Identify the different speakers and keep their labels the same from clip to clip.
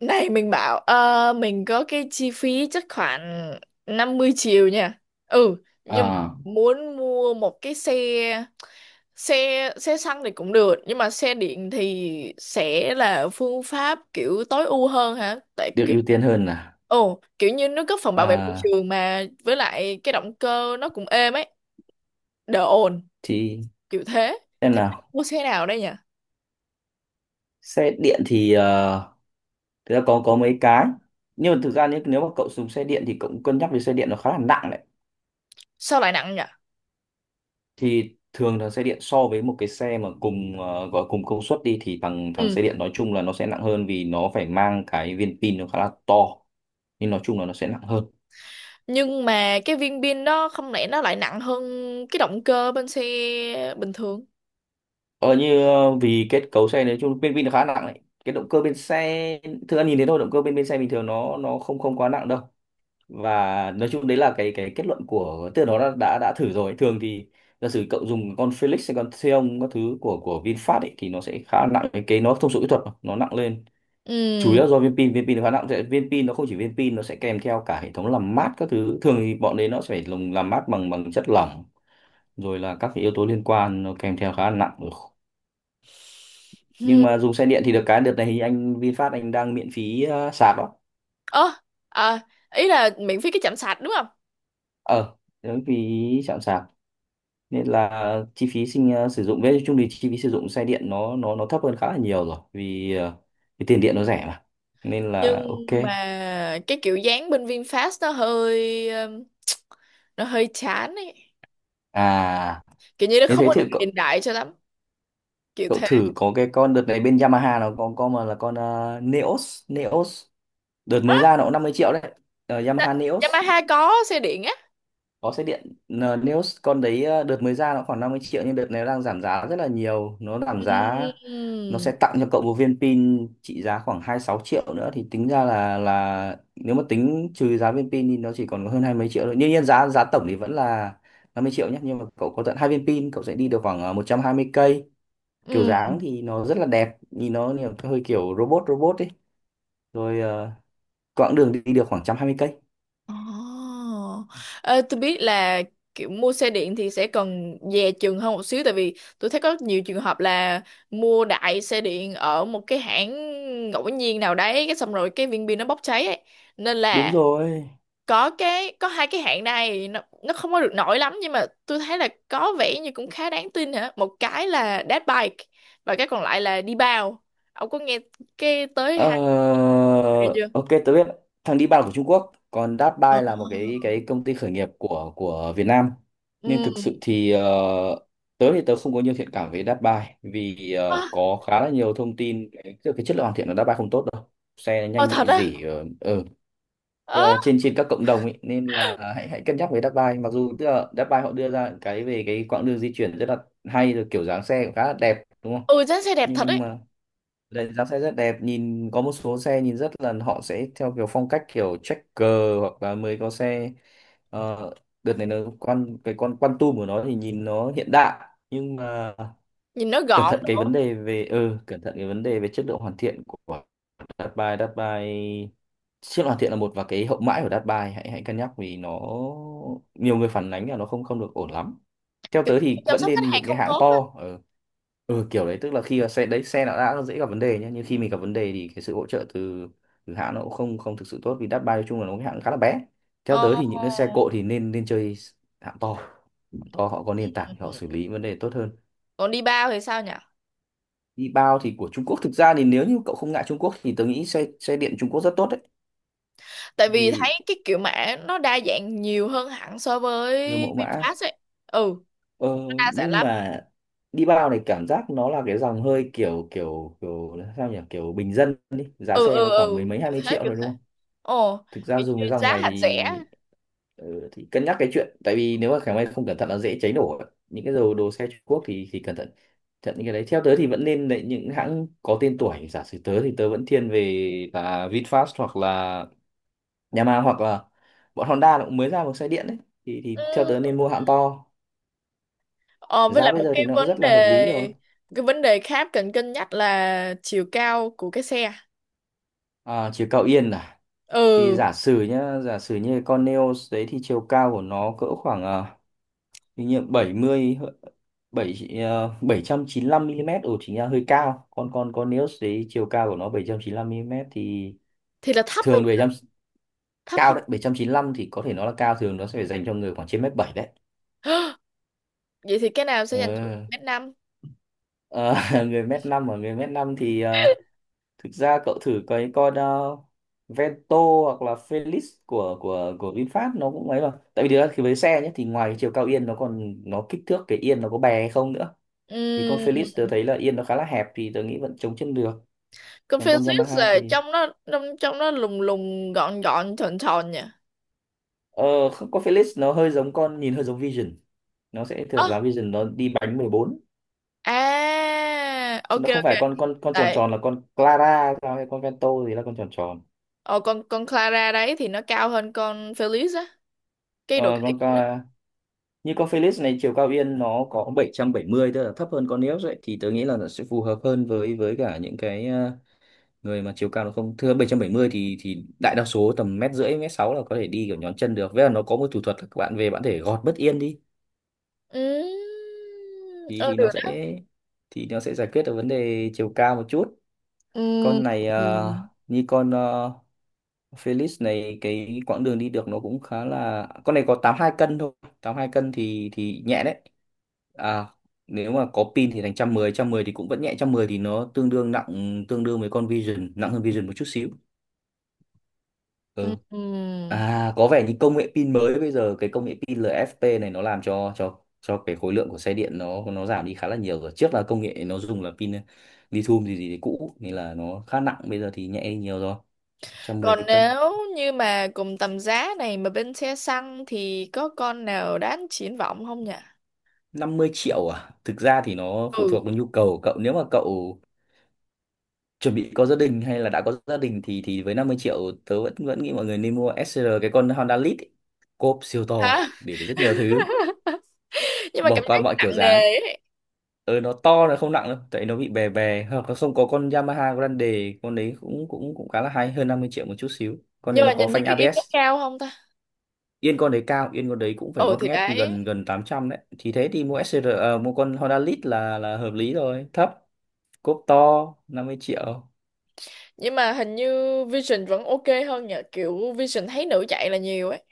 Speaker 1: Này mình bảo mình có cái chi phí chắc khoảng 50 triệu nha. Ừ, nhưng mà
Speaker 2: À,
Speaker 1: muốn mua một cái xe xe xe xăng thì cũng được, nhưng mà xe điện thì sẽ là phương pháp kiểu tối ưu hơn hả? Tại
Speaker 2: được
Speaker 1: kiểu
Speaker 2: ưu tiên hơn à?
Speaker 1: ồ, kiểu như nó góp phần bảo vệ môi
Speaker 2: À,
Speaker 1: trường mà với lại cái động cơ nó cũng êm ấy, đỡ ồn,
Speaker 2: thì
Speaker 1: kiểu thế.
Speaker 2: xem
Speaker 1: Thì
Speaker 2: nào.
Speaker 1: mua xe nào đây nhỉ?
Speaker 2: Xe điện thì thực ra có mấy cái. Nhưng mà thực ra nếu mà cậu dùng xe điện thì cậu cũng cân nhắc về xe điện nó khá là nặng đấy.
Speaker 1: Sao lại nặng nhỉ?
Speaker 2: Thì thường là xe điện so với một cái xe mà cùng gọi cùng công suất đi thì thằng thằng xe điện nói chung là nó sẽ nặng hơn, vì nó phải mang cái viên pin nó khá là to. Nhưng nói chung là nó sẽ nặng hơn.
Speaker 1: Nhưng mà cái viên pin đó không lẽ nó lại nặng hơn cái động cơ bên xe bình thường.
Speaker 2: Vì kết cấu xe nói chung viên pin nó khá nặng đấy. Cái động cơ bên xe, thực ra nhìn thấy thôi, động cơ bên bên xe bình thường nó không không quá nặng đâu, và nói chung đấy là cái kết luận của, tức là nó đã thử rồi. Thường thì giả sử cậu dùng con Felix hay con Xeon các thứ của VinFast ấy, thì nó sẽ khá nặng. Cái nó thông số kỹ thuật mà, nó nặng lên chủ
Speaker 1: ừ
Speaker 2: yếu là do viên pin nó khá nặng, viên pin nó không chỉ viên pin, nó sẽ kèm theo cả hệ thống làm mát các thứ. Thường thì bọn đấy nó sẽ phải dùng làm mát bằng bằng chất lỏng, rồi là các cái yếu tố liên quan nó kèm theo khá là nặng. Ừ. Nhưng
Speaker 1: ừ.
Speaker 2: mà dùng xe điện thì được cái đợt này thì anh VinFast anh đang miễn phí sạc đó.
Speaker 1: Ơ, à, ý là miễn phí cái chạm sạc đúng không?
Speaker 2: ờ Miễn phí chạm sạc, nên là chi phí sinh sử dụng với chung thì chi phí sử dụng xe điện nó thấp hơn khá là nhiều rồi. Vì tiền điện nó rẻ mà, nên
Speaker 1: Nhưng
Speaker 2: là ok.
Speaker 1: mà cái kiểu dáng bên VinFast nó hơi chán ấy,
Speaker 2: À,
Speaker 1: kiểu như nó
Speaker 2: nếu
Speaker 1: không
Speaker 2: thế
Speaker 1: có
Speaker 2: thì
Speaker 1: được
Speaker 2: cậu
Speaker 1: hiện đại cho lắm, kiểu
Speaker 2: cậu
Speaker 1: thế.
Speaker 2: thử có cái con đợt này bên Yamaha, nó có con mà là con Neos Neos. Đợt mới ra nó cũng 50 triệu đấy.
Speaker 1: Đó,
Speaker 2: Yamaha Neos
Speaker 1: Yamaha có xe điện á?
Speaker 2: có xe điện. Neos con đấy đợt mới ra nó khoảng 50 triệu, nhưng đợt này nó đang giảm giá rất là nhiều. Nó giảm giá,
Speaker 1: Ừ.
Speaker 2: nó sẽ tặng cho cậu một viên pin trị giá khoảng 26 triệu nữa, thì tính ra là nếu mà tính trừ giá viên pin thì nó chỉ còn có hơn hai mấy triệu thôi. Đương nhiên giá giá tổng thì vẫn là 50 triệu nhé, nhưng mà cậu có tận hai viên pin, cậu sẽ đi được khoảng 120 cây. Kiểu
Speaker 1: Ừ.
Speaker 2: dáng thì nó rất là đẹp, nhìn nó hơi kiểu robot robot ấy. Rồi quãng đường đi được khoảng 120 cây.
Speaker 1: Oh. Ê, tôi biết là kiểu mua xe điện thì sẽ cần dè chừng hơn một xíu, tại vì tôi thấy có nhiều trường hợp là mua đại xe điện ở một cái hãng ngẫu nhiên nào đấy cái xong rồi cái viên pin nó bốc cháy ấy. Nên
Speaker 2: Đúng
Speaker 1: là
Speaker 2: rồi.
Speaker 1: có cái có hai cái hãng này nó không có được nổi lắm nhưng mà tôi thấy là có vẻ như cũng khá đáng tin hả? Một cái là dead bike và cái còn lại là đi bao. Ông có nghe cái tới
Speaker 2: Ờ,
Speaker 1: hai cái này chưa?
Speaker 2: ok, tôi biết. Thằng đi bàn của Trung Quốc, còn Datbuy
Speaker 1: Ờ.
Speaker 2: là một cái công ty khởi nghiệp của Việt Nam.
Speaker 1: Ừ.
Speaker 2: Nhưng thực sự thì tớ thì tớ không có nhiều thiện cảm với Datbuy, vì
Speaker 1: Ờ,
Speaker 2: có khá là nhiều thông tin cái chất lượng hoàn thiện của Datbuy không tốt đâu. Xe
Speaker 1: ờ,
Speaker 2: nhanh
Speaker 1: thật
Speaker 2: bị
Speaker 1: á.
Speaker 2: rỉ ở ở
Speaker 1: Ờ,
Speaker 2: trên trên các cộng đồng ấy, nên là hãy hãy cân nhắc với Datbuy. Mặc dù tức là Datbuy họ đưa ra cái về cái quãng đường di chuyển rất là hay, rồi kiểu dáng xe cũng khá là đẹp, đúng không?
Speaker 1: ừ, dán xe đẹp thật
Speaker 2: Nhưng
Speaker 1: ấy.
Speaker 2: mà đánh giá xe rất đẹp, nhìn có một số xe nhìn rất là họ sẽ theo kiểu phong cách kiểu checker, hoặc là mới có xe ờ, đợt này nó quan cái con Quantum của nó thì nhìn nó hiện đại. Nhưng mà
Speaker 1: Nhìn nó
Speaker 2: cẩn
Speaker 1: gọn.
Speaker 2: thận cái vấn đề về cẩn thận cái vấn đề về chất lượng hoàn thiện của Datbai Datbai. Chất lượng hoàn thiện là một, và cái hậu mãi của Datbai, hãy hãy cân nhắc vì nó nhiều người phản ánh là nó không không được ổn lắm. Theo
Speaker 1: Kiểu
Speaker 2: tớ
Speaker 1: như
Speaker 2: thì
Speaker 1: chăm
Speaker 2: vẫn
Speaker 1: sóc khách
Speaker 2: nên
Speaker 1: hàng
Speaker 2: những cái
Speaker 1: không
Speaker 2: hãng
Speaker 1: tốt á?
Speaker 2: to. Ờ, ừ, kiểu đấy, tức là khi mà xe đấy, xe nó đã dễ gặp vấn đề nhé, nhưng khi mình gặp vấn đề thì cái sự hỗ trợ từ từ hãng nó cũng không không thực sự tốt, vì Dashby nói chung là nó cái hãng khá là bé. Theo
Speaker 1: Ờ.
Speaker 2: tớ thì những cái xe cộ thì nên nên chơi hãng to. Hãng to họ có nền tảng thì họ
Speaker 1: Ừ.
Speaker 2: xử lý vấn đề tốt hơn.
Speaker 1: Còn đi bao thì sao nhỉ?
Speaker 2: Đi bao thì của Trung Quốc, thực ra thì nếu như cậu không ngại Trung Quốc thì tớ nghĩ xe xe điện Trung Quốc rất tốt đấy,
Speaker 1: Tại vì thấy
Speaker 2: vì
Speaker 1: cái kiểu mã nó đa dạng nhiều hơn hẳn so với
Speaker 2: nhiều mẫu mã.
Speaker 1: VinFast ấy. Ừ,
Speaker 2: ờ,
Speaker 1: nó đa dạng
Speaker 2: nhưng
Speaker 1: lắm.
Speaker 2: mà đi bao này cảm giác nó là cái dòng hơi kiểu kiểu kiểu sao nhỉ, kiểu bình dân đi, giá
Speaker 1: ừ
Speaker 2: xe
Speaker 1: ừ
Speaker 2: nó khoảng mười
Speaker 1: ừ
Speaker 2: mấy hai
Speaker 1: kiểu
Speaker 2: mươi
Speaker 1: thế
Speaker 2: triệu
Speaker 1: kiểu
Speaker 2: rồi, đúng
Speaker 1: thế.
Speaker 2: không?
Speaker 1: Ồ,
Speaker 2: Thực ra
Speaker 1: kiểu
Speaker 2: dùng
Speaker 1: như
Speaker 2: cái dòng
Speaker 1: giá
Speaker 2: này
Speaker 1: hạt rẻ.
Speaker 2: thì ừ, thì cân nhắc cái chuyện, tại vì nếu mà khả may không cẩn thận là dễ cháy nổ ấy. Những cái đồ đồ xe Trung Quốc thì cẩn thận thận những cái đấy. Theo tớ thì vẫn nên lấy những hãng có tên tuổi. Giả sử tớ thì tớ vẫn thiên về là VinFast, hoặc là Yamaha, hoặc là bọn Honda nó cũng mới ra một xe điện đấy. Thì Theo
Speaker 1: Ừ.
Speaker 2: tớ nên mua hãng to.
Speaker 1: Ờ, với
Speaker 2: Giá
Speaker 1: lại
Speaker 2: bây
Speaker 1: một
Speaker 2: giờ
Speaker 1: cái
Speaker 2: thì nó cũng
Speaker 1: vấn
Speaker 2: rất là hợp lý rồi.
Speaker 1: đề, cái vấn đề khác cần cân nhắc là chiều cao của cái xe.
Speaker 2: À, chiều cao yên à? Thì
Speaker 1: Ừ,
Speaker 2: giả sử như con Neos đấy thì chiều cao của nó cỡ khoảng hình như ờ, 70 7 795 mm. Ồ, chính là hơi cao. Còn còn còn nếu đấy chiều cao của nó 795 mm thì
Speaker 1: thì là thấp ấy.
Speaker 2: thường bảy trăm,
Speaker 1: Thấp
Speaker 2: cao
Speaker 1: không?
Speaker 2: đấy, 795 thì có thể nó là cao, thường nó sẽ phải dành cho người khoảng trên mét 7 đấy.
Speaker 1: Vậy thì cái nào sẽ
Speaker 2: Ờ.
Speaker 1: dành cho 1 mét 5?
Speaker 2: Ờ, Người mét năm, và người mét 5 thì thực ra cậu thử cái con Vento hoặc là Felix của VinFast, nó cũng ấy mà. Tại vì thực ra khi với xe nhé, thì ngoài chiều cao yên nó còn nó kích thước cái yên nó có bè hay không nữa. Thì con Felix tớ thấy là yên nó khá là hẹp, thì tớ nghĩ vẫn chống chân được. Còn con
Speaker 1: Confucius
Speaker 2: Yamaha
Speaker 1: là
Speaker 2: thì
Speaker 1: trong nó trong trong nó lùng lùng gọn gọn thon thon nha.
Speaker 2: ờ không, con Felix nó hơi giống con, nhìn hơi giống Vision. Nó sẽ
Speaker 1: Ơ,
Speaker 2: thuộc giá Vision, nó đi bánh mười bốn,
Speaker 1: à,
Speaker 2: chứ
Speaker 1: ok
Speaker 2: nó không
Speaker 1: ok.
Speaker 2: phải con tròn tròn.
Speaker 1: Tại
Speaker 2: Là con Clara sao, hay con Vento gì là con tròn tròn?
Speaker 1: ờ con Clara đấy thì nó cao hơn con Felix á, cái độ
Speaker 2: Ờ,
Speaker 1: cái
Speaker 2: con
Speaker 1: đấy.
Speaker 2: Clara. Như con Felix này, chiều cao yên nó có bảy 770, tức là thấp hơn con Neos ấy, thì tớ nghĩ là nó sẽ phù hợp hơn với cả những cái người mà chiều cao nó không thưa 770, thì đại đa số tầm mét rưỡi, mét sáu là có thể đi kiểu nhón chân được. Với là nó có một thủ thuật là các bạn về, bạn có thể gọt bất yên đi,
Speaker 1: Ừ.
Speaker 2: thì
Speaker 1: Ờ, được đó.
Speaker 2: thì nó sẽ giải quyết được vấn đề chiều cao một chút.
Speaker 1: Ừm,
Speaker 2: Con này
Speaker 1: ừm,
Speaker 2: như con Felix này, cái quãng đường đi được nó cũng khá là, con này có 82 cân thôi. 82 cân thì nhẹ đấy. à Nếu mà có pin thì thành 110. 110 thì cũng vẫn nhẹ. 110 thì nó tương đương nặng, tương đương với con Vision, nặng hơn Vision một chút xíu. Ừ.
Speaker 1: ừm.
Speaker 2: À, có vẻ như công nghệ pin mới bây giờ, cái công nghệ pin LFP này, nó làm cho cái khối lượng của xe điện nó giảm đi khá là nhiều rồi. Trước là công nghệ nó dùng là pin lithium gì gì thì cũ, nên là nó khá nặng. Bây giờ thì nhẹ đi nhiều rồi. 110
Speaker 1: Còn
Speaker 2: cân,
Speaker 1: nếu như mà cùng tầm giá này mà bên xe xăng thì có con nào đáng triển vọng không nhỉ?
Speaker 2: 50 triệu à? Thực ra thì nó phụ thuộc
Speaker 1: Ừ.
Speaker 2: vào nhu cầu của cậu. Nếu mà cậu chuẩn bị có gia đình hay là đã có gia đình, thì với 50 triệu, tớ vẫn vẫn nghĩ mọi người nên mua SR cái con Honda Lead ấy. Cốp siêu to
Speaker 1: Hả?
Speaker 2: để được rất nhiều thứ,
Speaker 1: Nhưng mà
Speaker 2: bỏ
Speaker 1: cảm
Speaker 2: qua
Speaker 1: thấy
Speaker 2: mọi kiểu
Speaker 1: nặng nề
Speaker 2: dáng.
Speaker 1: ấy.
Speaker 2: Ừ, nó to nó không nặng đâu tại nó bị bè bè. Hoặc là không, có con Yamaha Grande, con đấy cũng cũng cũng khá là hay, hơn 50 triệu một chút xíu, con
Speaker 1: Nhưng
Speaker 2: đấy nó
Speaker 1: mà
Speaker 2: có
Speaker 1: nhìn như
Speaker 2: phanh
Speaker 1: cái yên
Speaker 2: ABS.
Speaker 1: nó cao không ta?
Speaker 2: Yên con đấy cao, yên con đấy cũng phải
Speaker 1: Ừ,
Speaker 2: ngót
Speaker 1: thì
Speaker 2: nghét
Speaker 1: đấy.
Speaker 2: gần gần 800 đấy, thì thế thì mua SR, mua con Honda Lead là hợp lý rồi, thấp, cốp to, 50 triệu.
Speaker 1: Nhưng mà hình như Vision vẫn ok hơn, nhờ kiểu Vision thấy nữ chạy là nhiều ấy.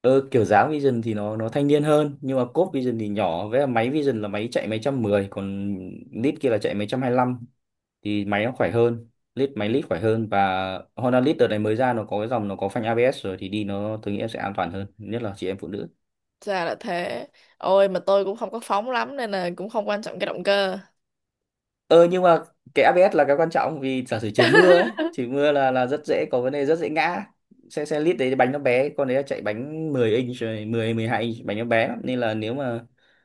Speaker 2: Ờ, Kiểu dáng Vision thì nó thanh niên hơn, nhưng mà cốp Vision thì nhỏ, với lại máy Vision là máy chạy mấy trăm mười, còn Lead kia là chạy mấy trăm hai lăm, thì máy nó khỏe hơn, lít máy lít khỏe hơn. Và Honda Lead đợt này mới ra nó có cái dòng nó có phanh ABS rồi, thì đi nó tôi nghĩ em sẽ an toàn hơn, nhất là chị em phụ nữ.
Speaker 1: Ra là thế. Ôi mà tôi cũng không có phóng lắm nên là cũng không quan trọng cái động cơ.
Speaker 2: Ờ nhưng mà cái ABS là cái quan trọng, vì giả sử trời mưa ấy, trời mưa là rất dễ có vấn đề, rất dễ ngã xe. Lít đấy bánh nó bé, con đấy là chạy bánh 10 inch rồi, 10 12 inch, bánh nó bé lắm. Nên là nếu mà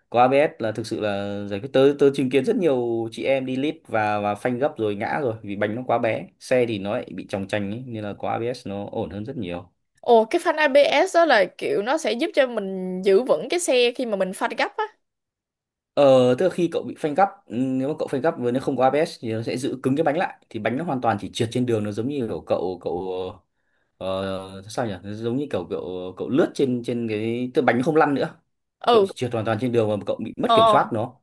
Speaker 2: có ABS là thực sự là giải quyết. Tớ tớ chứng kiến rất nhiều chị em đi lít và phanh gấp rồi ngã rồi, vì bánh nó quá bé, xe thì nó lại bị chòng chành ấy, nên là có ABS nó ổn hơn rất nhiều.
Speaker 1: Ồ, cái phanh ABS đó là kiểu nó sẽ giúp cho mình giữ vững cái xe khi mà mình phanh gấp á?
Speaker 2: Ờ, tức là khi cậu bị phanh gấp, nếu mà cậu phanh gấp với nó không có ABS thì nó sẽ giữ cứng cái bánh lại, thì bánh nó hoàn toàn chỉ trượt trên đường, nó giống như kiểu cậu cậu sao nhỉ, nó giống như kiểu cậu cậu lướt trên trên cái, tức là bánh nó không lăn nữa, cậu
Speaker 1: Ừ.
Speaker 2: chỉ trượt hoàn toàn trên đường và cậu bị mất kiểm
Speaker 1: ờ
Speaker 2: soát nó.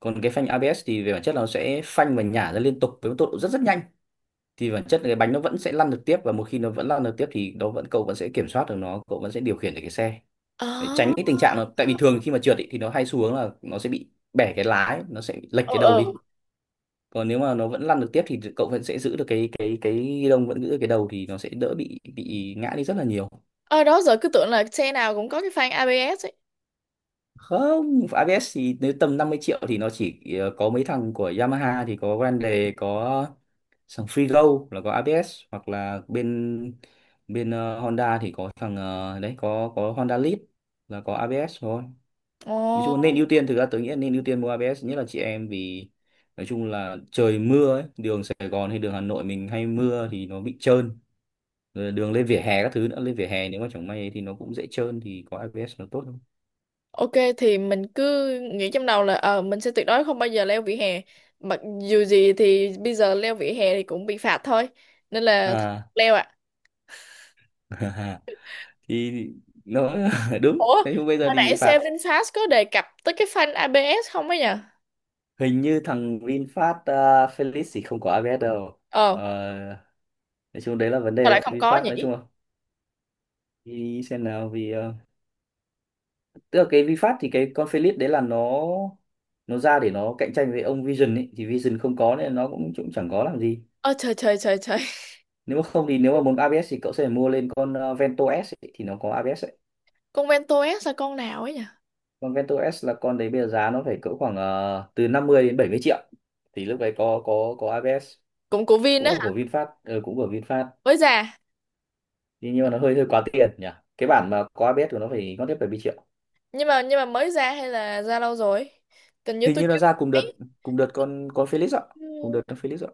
Speaker 2: Còn cái phanh ABS thì về bản chất là nó sẽ phanh và nhả ra liên tục với một tốc độ rất rất nhanh, thì bản chất là cái bánh nó vẫn sẽ lăn được tiếp, và một khi nó vẫn lăn được tiếp thì nó vẫn, cậu vẫn sẽ kiểm soát được nó, cậu vẫn sẽ điều khiển được cái xe, để
Speaker 1: ờ
Speaker 2: tránh cái tình trạng là, tại vì thường khi mà trượt ý, thì nó hay xu hướng là nó sẽ bị bẻ cái lái, nó sẽ bị lệch
Speaker 1: ờ
Speaker 2: cái đầu
Speaker 1: ờ
Speaker 2: đi. Còn nếu mà nó vẫn lăn được tiếp thì cậu vẫn sẽ giữ được cái ghi lông, vẫn giữ được cái đầu, thì nó sẽ đỡ bị ngã đi rất là nhiều.
Speaker 1: ờ Đó giờ cứ tưởng là xe nào cũng có cái phanh ABS ấy.
Speaker 2: Không ABS thì nếu tầm 50 triệu thì nó chỉ, có mấy thằng của Yamaha thì có Grande, có thằng Freego là có ABS, hoặc là bên bên Honda thì có thằng, đấy, có Honda Lead là có ABS thôi. Nói chung là
Speaker 1: Ồ.
Speaker 2: nên ưu tiên, thực ra tớ nghĩ là nên ưu tiên mua ABS, nhất là chị em, vì nói chung là trời mưa ấy, đường Sài Gòn hay đường Hà Nội mình hay mưa thì nó bị trơn, rồi đường lên vỉa hè các thứ nữa, lên vỉa hè nếu mà chẳng may thì nó cũng dễ trơn, thì có ABS nó tốt hơn.
Speaker 1: Ok thì mình cứ nghĩ trong đầu là mình sẽ tuyệt đối không bao giờ leo vỉa hè. Mặc dù gì thì bây giờ leo vỉa hè thì cũng bị phạt thôi. Nên là thôi,
Speaker 2: À,
Speaker 1: leo ạ.
Speaker 2: thì nó đúng
Speaker 1: Ủa,
Speaker 2: thế, nhưng bây giờ
Speaker 1: hồi
Speaker 2: thì bị
Speaker 1: nãy
Speaker 2: phạt.
Speaker 1: Seven Fast có đề cập tới cái phanh ABS không ấy nhỉ?
Speaker 2: Hình như thằng VinFast à, Felix thì không có ABS đâu.
Speaker 1: Ờ,
Speaker 2: Ờ, nói chung đấy là vấn
Speaker 1: sao
Speaker 2: đề
Speaker 1: lại
Speaker 2: đấy,
Speaker 1: không có
Speaker 2: VinFast nói
Speaker 1: nhỉ?
Speaker 2: chung là, đi xem nào, vì tức là cái VinFast thì cái con Felix đấy là nó ra để nó cạnh tranh với ông Vision ấy, thì Vision không có nên nó cũng cũng chẳng có làm gì.
Speaker 1: Ơ trời trời trời trời.
Speaker 2: Nếu mà không thì nếu mà muốn ABS thì cậu sẽ phải mua lên con, Vento S ấy, thì nó có ABS ấy.
Speaker 1: Con Vento S là con nào ấy nhỉ?
Speaker 2: Con Vento S là con đấy bây giờ giá nó phải cỡ khoảng, từ 50 đến 70 triệu, thì lúc đấy có ABS,
Speaker 1: Cũng của Vin
Speaker 2: cũng
Speaker 1: á
Speaker 2: là của
Speaker 1: hả?
Speaker 2: VinFast, cũng của VinFast.
Speaker 1: Mới ra.
Speaker 2: Thế nhưng mà nó hơi hơi quá tiền nhỉ, cái bản mà có ABS của nó phải ngót tiếp 70 triệu.
Speaker 1: Nhưng mà mới ra hay là ra lâu rồi? Tình như
Speaker 2: Hình
Speaker 1: tôi
Speaker 2: như
Speaker 1: chưa
Speaker 2: nó ra cùng đợt,
Speaker 1: thấy.
Speaker 2: cùng đợt con Felix ạ, cùng đợt
Speaker 1: Ừ.
Speaker 2: con Felix ạ.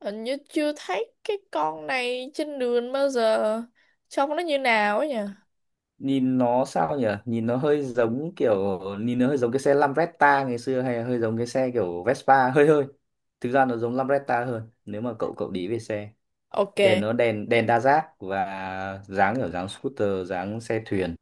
Speaker 1: Hình như chưa thấy cái con này trên đường bao giờ. Trông nó như nào ấy nhỉ?
Speaker 2: Nhìn nó sao nhỉ, nhìn nó hơi giống kiểu, nhìn nó hơi giống cái xe Lambretta ngày xưa, hay là hơi giống cái xe kiểu Vespa, hơi hơi, thực ra nó giống Lambretta hơn. Nếu mà cậu cậu để ý về xe,
Speaker 1: Ok.
Speaker 2: đèn nó đèn, đa giác, và dáng kiểu dáng scooter, dáng xe thuyền,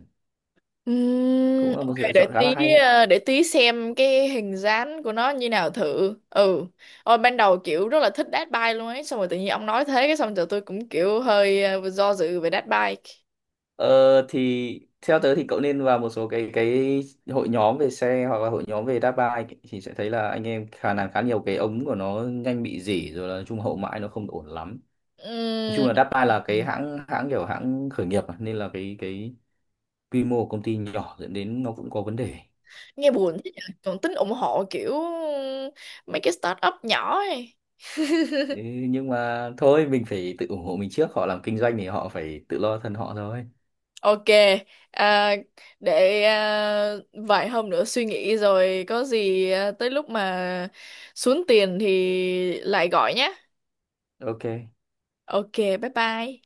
Speaker 2: cũng là một
Speaker 1: Ok,
Speaker 2: sự lựa
Speaker 1: để
Speaker 2: chọn khá là
Speaker 1: tí,
Speaker 2: hay đấy.
Speaker 1: để tí xem cái hình dáng của nó như nào thử. Ừ. Ôi ban đầu kiểu rất là thích dead bike luôn ấy. Xong rồi tự nhiên ông nói thế cái xong rồi tôi cũng kiểu hơi do dự về dead bike.
Speaker 2: Ờ thì theo tớ thì cậu nên vào một số cái hội nhóm về xe, hoặc là hội nhóm về đá bike, thì sẽ thấy là anh em khả năng khá nhiều cái ống của nó nhanh bị rỉ, rồi là trung hậu mãi nó không ổn lắm. Nói chung
Speaker 1: Ừm.
Speaker 2: là Dappa là cái hãng hãng kiểu hãng khởi nghiệp mà, nên là cái quy mô của công ty nhỏ dẫn đến nó cũng có vấn đề.
Speaker 1: Nghe buồn thế nhỉ. Còn tính ủng hộ kiểu mấy cái startup nhỏ ấy.
Speaker 2: Thế nhưng mà thôi, mình phải tự ủng hộ mình trước, họ làm kinh doanh thì họ phải tự lo thân họ thôi.
Speaker 1: Ok, à, để vài hôm nữa suy nghĩ rồi có gì tới lúc mà xuống tiền thì lại gọi nhé.
Speaker 2: Ok.
Speaker 1: Ok, bye bye.